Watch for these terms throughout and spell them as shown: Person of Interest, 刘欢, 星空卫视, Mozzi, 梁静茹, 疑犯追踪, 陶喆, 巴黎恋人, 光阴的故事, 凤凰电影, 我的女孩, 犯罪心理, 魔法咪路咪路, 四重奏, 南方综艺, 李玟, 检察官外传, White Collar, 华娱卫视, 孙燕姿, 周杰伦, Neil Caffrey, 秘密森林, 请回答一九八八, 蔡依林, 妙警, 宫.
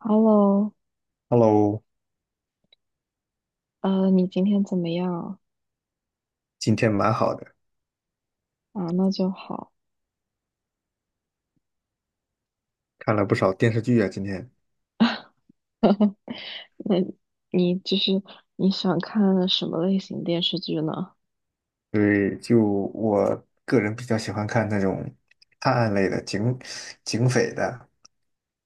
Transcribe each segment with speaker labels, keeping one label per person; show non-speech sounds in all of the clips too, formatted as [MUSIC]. Speaker 1: Hello，
Speaker 2: Hello,
Speaker 1: 你今天怎么样
Speaker 2: 今天蛮好的，
Speaker 1: 啊？那就好。
Speaker 2: 看了不少电视剧啊。今天，
Speaker 1: 那你就是你想看什么类型电视剧呢？
Speaker 2: 对，我个人比较喜欢看那种探案类的、警匪的，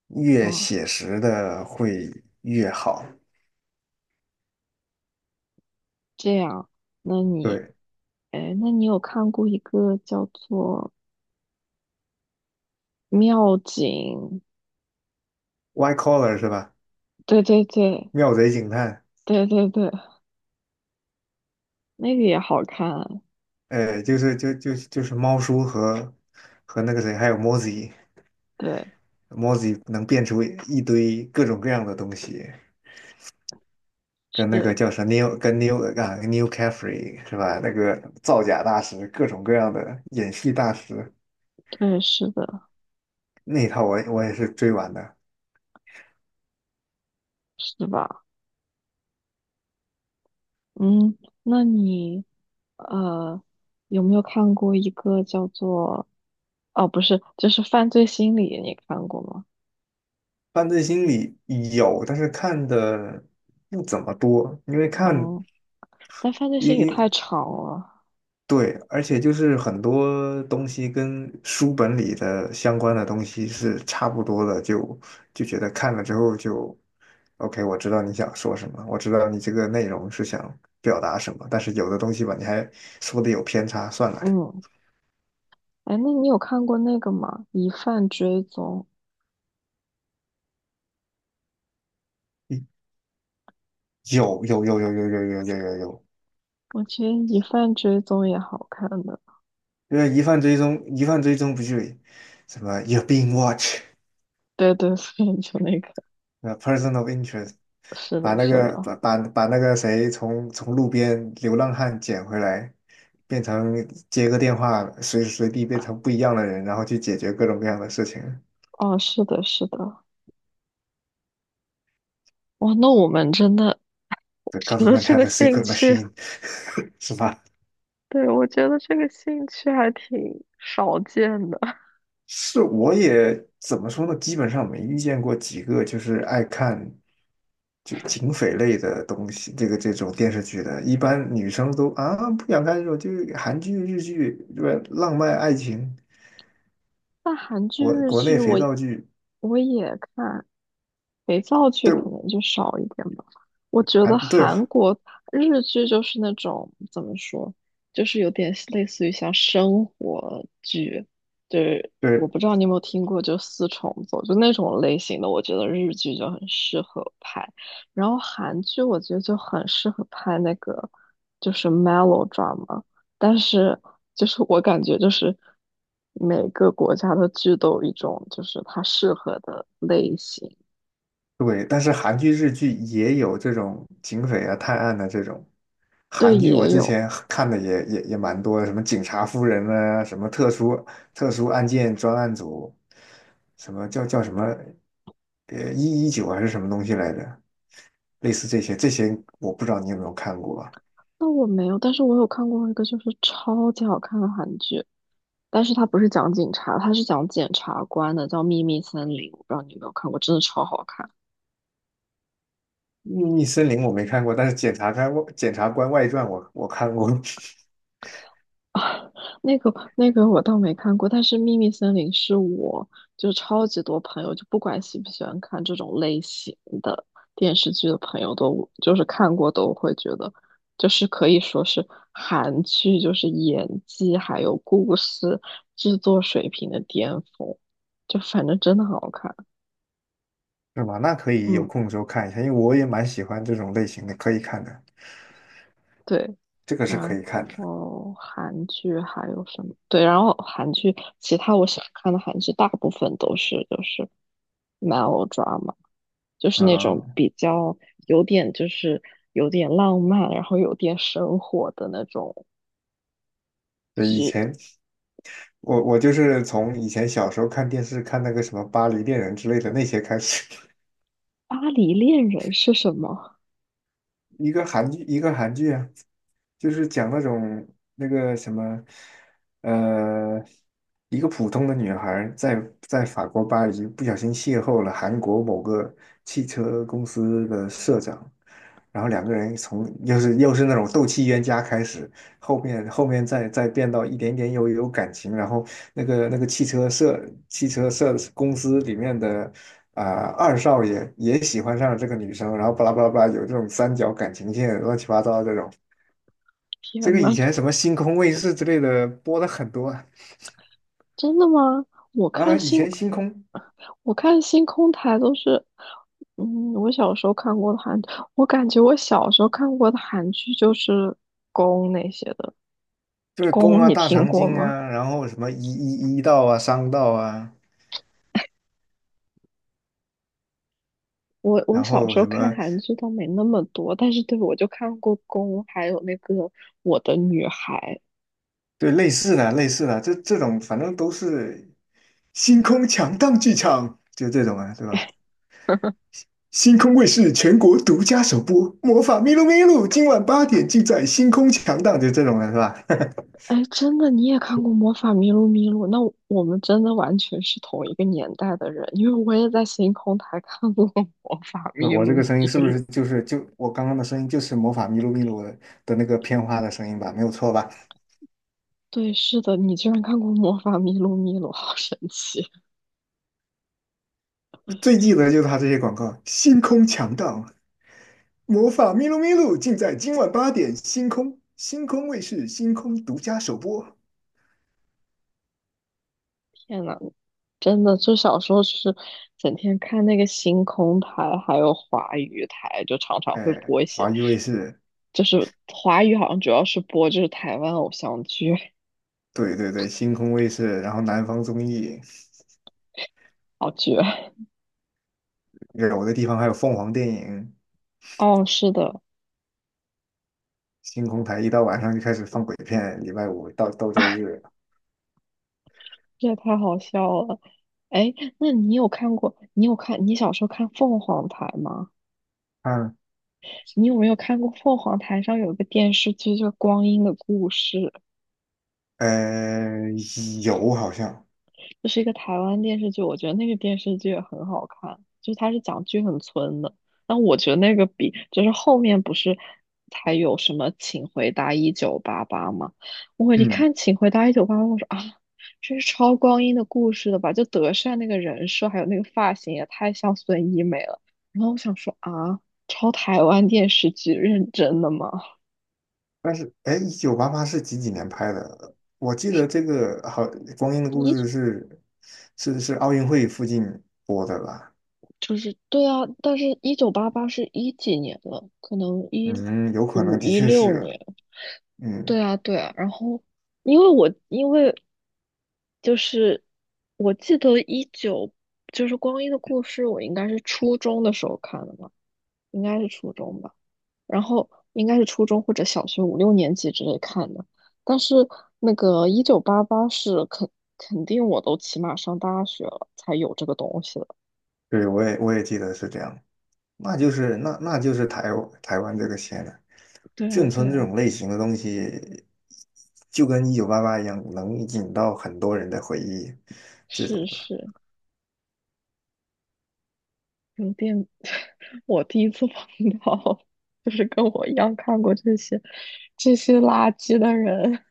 Speaker 2: 越
Speaker 1: 啊，
Speaker 2: 写实的会越好。
Speaker 1: 这样，那你，
Speaker 2: 对
Speaker 1: 哎，那你有看过一个叫做《妙警》？
Speaker 2: ，White Collar 是吧？
Speaker 1: 对对对
Speaker 2: 妙贼警探，
Speaker 1: 对对对，那个也好看。
Speaker 2: 就是猫叔和和那个谁，还有 m o z z i
Speaker 1: 对，
Speaker 2: Mozzi 能变出一堆各种各样的东西，跟那
Speaker 1: 是，
Speaker 2: 个叫啥 Neil, 跟 Neil 啊 n e i Caffrey 是吧？那个造假大师，各种各样的演戏大师
Speaker 1: 对，是的，
Speaker 2: 那一套我也是追完的。
Speaker 1: 是吧？嗯，那你呃有没有看过一个叫做哦，不是，就是《犯罪心理》，你看过吗？
Speaker 2: 犯罪心理有，但是看的不怎么多，因为看
Speaker 1: 嗯，但犯罪
Speaker 2: 因
Speaker 1: 心理太
Speaker 2: 因
Speaker 1: 长了。
Speaker 2: 对，而且就是很多东西跟书本里的相关的东西是差不多的，就觉得看了之后就，OK,我知道你想说什么，我知道你这个内容是想表达什么，但是有的东西吧，你还说的有偏差，算了，
Speaker 1: 嗯，哎，那你有看过那个吗？《疑犯追踪》，
Speaker 2: 嗯，有有有有有有有有有有，
Speaker 1: 我觉得《疑犯追踪》也好看的。
Speaker 2: 因为疑犯追踪不就什么 You're being watched。
Speaker 1: 对对，[LAUGHS] 所以就那个，
Speaker 2: 呃，Person of Interest,
Speaker 1: 是
Speaker 2: 把
Speaker 1: 的，
Speaker 2: 那
Speaker 1: 是
Speaker 2: 个
Speaker 1: 的，
Speaker 2: 把把把那个谁从从路边流浪汉捡回来，变成接个电话，随时随地变成不一样的人，然后去解决各种各样的事情。
Speaker 1: 哦，是的，是的。哇，那我们真的，[LAUGHS] 我
Speaker 2: The
Speaker 1: 觉得
Speaker 2: government
Speaker 1: 这个
Speaker 2: have a
Speaker 1: 兴
Speaker 2: secret
Speaker 1: 趣，
Speaker 2: machine,[LAUGHS] 是吧？
Speaker 1: 对，我觉得这个兴趣还挺少见的。[LAUGHS]
Speaker 2: 是，我也怎么说呢？基本上没遇见过几个就是爱看就警匪类的东西，这种电视剧的，一般女生都啊不想看这种，就是韩剧、日剧，对吧？浪漫爱情。
Speaker 1: 那韩剧、日
Speaker 2: 国内
Speaker 1: 剧
Speaker 2: 肥
Speaker 1: 我
Speaker 2: 皂剧，
Speaker 1: 我也看，肥皂剧可
Speaker 2: 对，
Speaker 1: 能就少一点吧。我觉得
Speaker 2: 韩，对
Speaker 1: 韩国日剧就是那种怎么说，就是有点类似于像生活剧，就是我
Speaker 2: 对
Speaker 1: 不知道你有没有听过，就四重奏，就那种类型的，我觉得日剧就很适合拍。然后韩剧我觉得就很适合拍那个就是 melodrama，但是就是我感觉就是每个国家的剧都有一种就是它适合的类型。
Speaker 2: 对，但是韩剧、日剧也有这种警匪啊、探案的这种。
Speaker 1: 对，
Speaker 2: 韩剧我
Speaker 1: 也
Speaker 2: 之
Speaker 1: 有。
Speaker 2: 前看的也蛮多的，什么警察夫人啊，什么特殊案件专案组，什么叫叫什么呃，119还是什么东西来着？类似这些，这些我不知道你有没有看过啊？
Speaker 1: 那我没有，但是我有看过一个就是超级好看的韩剧，但是它不是讲警察，它是讲检察官的，叫《秘密森林》，我不知道你有没有看过，真的超好看。
Speaker 2: 《秘密森林》我没看过，但是检察官外传》我看过。[LAUGHS]
Speaker 1: [LAUGHS] 啊，那个我倒没看过，但是《秘密森林》是我就超级多朋友，就不管喜不喜欢看这种类型的电视剧的朋友都就是看过都会觉得，就是可以说是韩剧就是演技还有故事制作水平的巅峰，就反正真的很好看，
Speaker 2: 是吗？那可以有
Speaker 1: 嗯。
Speaker 2: 空的时候看一下，因为我也蛮喜欢这种类型的，可以看的，
Speaker 1: 对，
Speaker 2: 这个是可
Speaker 1: 然
Speaker 2: 以看的
Speaker 1: 后韩剧还有什么？对，然后韩剧其他我想看的韩剧大部分都是就是 melodrama，就是那种
Speaker 2: 啊。
Speaker 1: 比较有点就是有点浪漫，然后有点生活的那种
Speaker 2: 对，以
Speaker 1: 剧。
Speaker 2: 前我就是从以前小时候看电视看那个什么《巴黎恋人》之类的那些开始，
Speaker 1: 巴黎恋人是什么？
Speaker 2: 一个韩剧，一个韩剧啊，就是讲那种那个什么，呃，一个普通的女孩儿在法国巴黎不小心邂逅了韩国某个汽车公司的社长，然后两个人从又是那种斗气冤家开始，后面再变到一点点有感情，然后那个汽车社公司里面的啊、二少爷也喜欢上了这个女生，然后巴拉巴拉巴拉有这种三角感情线，乱七八糟的这种。
Speaker 1: 天
Speaker 2: 这个以
Speaker 1: 呐！
Speaker 2: 前什么星空卫视之类的播的很多啊，
Speaker 1: 真的吗？我
Speaker 2: 啊
Speaker 1: 看
Speaker 2: 以
Speaker 1: 星，
Speaker 2: 前星空，
Speaker 1: 我看星空台都是，嗯，我感觉我小时候看过的韩剧就是宫那些的。
Speaker 2: 就是宫
Speaker 1: 宫
Speaker 2: 啊、
Speaker 1: 你
Speaker 2: 大
Speaker 1: 听
Speaker 2: 长
Speaker 1: 过
Speaker 2: 今
Speaker 1: 吗？
Speaker 2: 啊，然后什么一道啊、商道啊，
Speaker 1: 我
Speaker 2: 然
Speaker 1: 小
Speaker 2: 后
Speaker 1: 时候
Speaker 2: 什
Speaker 1: 看
Speaker 2: 么
Speaker 1: 韩剧倒没那么多，但是对我就看过宫，还有那个我的女孩。
Speaker 2: 对，类似的这种，反正都是星空强档剧场，就这种啊，对吧？
Speaker 1: [LAUGHS]
Speaker 2: 星空卫视全国独家首播《魔法咪路咪路》，今晚八点尽在星空强档，就这种的是吧？
Speaker 1: 哎，真的，你也看过《魔法咪路咪路》？那我们真的完全是同一个年代的人，因为我也在星空台看过《魔法咪
Speaker 2: 我这
Speaker 1: 路
Speaker 2: 个声音是
Speaker 1: 咪
Speaker 2: 不
Speaker 1: 路》。
Speaker 2: 是就是我刚刚的声音就是魔法咪路咪路的的那个片花的声音吧？没有错吧？
Speaker 1: 对，是的，你居然看过《魔法咪路咪路》，好神奇！
Speaker 2: 我最记得就是他这些广告，星空强档，魔法咪路咪路尽在今晚八点，星空卫视星空独家首播。
Speaker 1: 天呐，真的，就小时候就是整天看那个星空台，还有华语台，就常常会
Speaker 2: 哎，
Speaker 1: 播一些，
Speaker 2: 华娱卫视，
Speaker 1: 就是华语好像主要是播就是台湾偶像剧，
Speaker 2: 对对对，星空卫视，然后南方综艺，
Speaker 1: 好绝！
Speaker 2: 有的地方还有凤凰电影，
Speaker 1: 哦，是的，
Speaker 2: 星空台一到晚上就开始放鬼片，礼拜五到周
Speaker 1: [LAUGHS]
Speaker 2: 日，
Speaker 1: 这也太好笑了。哎，那你有看过？你有看？你小时候看凤凰台吗？
Speaker 2: 嗯，
Speaker 1: 你有没有看过凤凰台上有一个电视剧叫《光阴的故事》？
Speaker 2: 呃，有好像。
Speaker 1: 这是一个台湾电视剧，我觉得那个电视剧也很好看，就是它是讲剧很村的，但我觉得那个比就是后面不是才有什么《请回答一九八八》吗？我一
Speaker 2: 嗯。
Speaker 1: 看《请回答一九八八》，我说啊，这是超光阴的故事的吧？就德善那个人设还有那个发型也太像孙一美了，然后我想说啊，超台湾电视剧认真的吗？
Speaker 2: 但是，哎，一九八八是几几年拍的？我记得这个好，《光阴的故事》
Speaker 1: 一。
Speaker 2: 是，是奥运会附近播的吧？
Speaker 1: 就是对啊，但是一九八八是一几年了？可能一
Speaker 2: 嗯，有可能
Speaker 1: 五
Speaker 2: 的
Speaker 1: 一
Speaker 2: 确
Speaker 1: 六
Speaker 2: 是，
Speaker 1: 年。对
Speaker 2: 嗯，
Speaker 1: 啊，对啊。然后，因为就是我记得就是《光阴的故事》，我应该是初中的时候看的嘛，应该是初中吧。然后应该是初中或者小学五六年级之类看的。但是那个一九八八是肯定我都起码上大学了才有这个东西了。
Speaker 2: 对，我也记得是这样。那就是台湾这个县了。
Speaker 1: 对啊，
Speaker 2: 眷
Speaker 1: 对
Speaker 2: 村这
Speaker 1: 啊，
Speaker 2: 种类型的东西，就跟一九八八一样，能引到很多人的回忆。这种。
Speaker 1: 是是。有点，[LAUGHS] 我第一次碰到，就是跟我一样看过这些垃圾的人。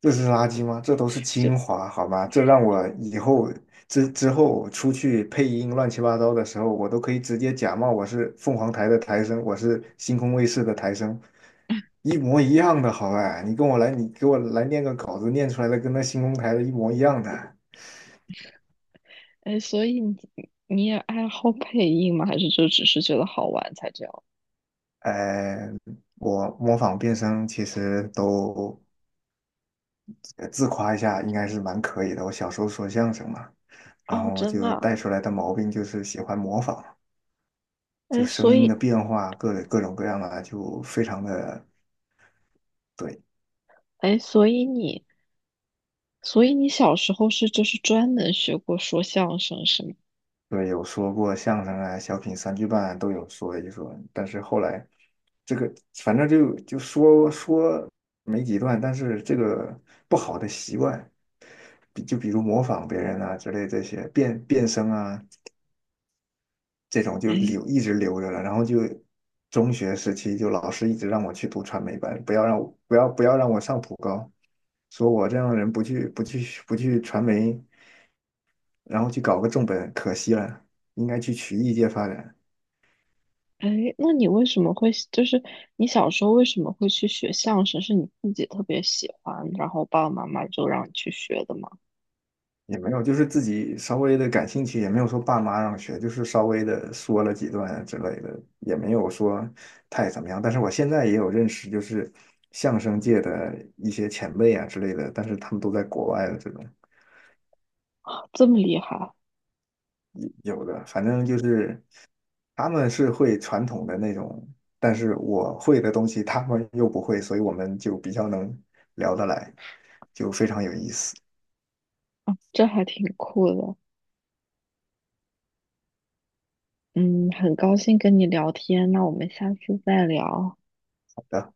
Speaker 2: 这是垃圾吗？这都是
Speaker 1: 就
Speaker 2: 精华，好吗？这让我以后之后出去配音乱七八糟的时候，我都可以直接假冒我是凤凰台的台声，我是星空卫视的台声，一模一样的，好吧？你跟我来，你给我来念个稿子，念出来的跟那星空台的一模一样的。
Speaker 1: 哎，所以你也爱好配音吗？还是就只是觉得好玩才这样？
Speaker 2: 呃，我模仿变声其实都，呃，自夸一下，应该是蛮可以的。我小时候说相声嘛，然
Speaker 1: 哦，
Speaker 2: 后
Speaker 1: 真的
Speaker 2: 就
Speaker 1: 啊，
Speaker 2: 带出来的毛病就是喜欢模仿。就
Speaker 1: 哎，
Speaker 2: 声音的变化，各种各样的，就非常的对，
Speaker 1: 哎，所以你小时候是就是专门学过说相声是吗？
Speaker 2: 对，有说过相声啊、小品、三句半啊都有说一说，但是后来这个反正就说说没几段，但是这个不好的习惯，就比如模仿别人啊之类这些变声啊这种就
Speaker 1: 哎
Speaker 2: 留一直留着了，然后就。中学时期就老师一直让我去读传媒班，不要让我不要让我上普高，说我这样的人不去传媒然后去搞个重本，可惜了，应该去曲艺界发展，
Speaker 1: 哎，那你为什么会就是你小时候为什么会去学相声？是你自己特别喜欢，然后爸爸妈妈就让你去学的吗？
Speaker 2: 也没有，就是自己稍微的感兴趣，也没有说爸妈让学，就是稍微的说了几段之类的，也没有说太怎么样。但是我现在也有认识，就是相声界的一些前辈啊之类的，但是他们都在国外的这种
Speaker 1: 这么厉害，
Speaker 2: 有，有的，反正就是他们是会传统的那种，但是我会的东西他们又不会，所以我们就比较能聊得来，就非常有意思。
Speaker 1: 这还挺酷的。嗯，很高兴跟你聊天，那我们下次再聊。
Speaker 2: 好的。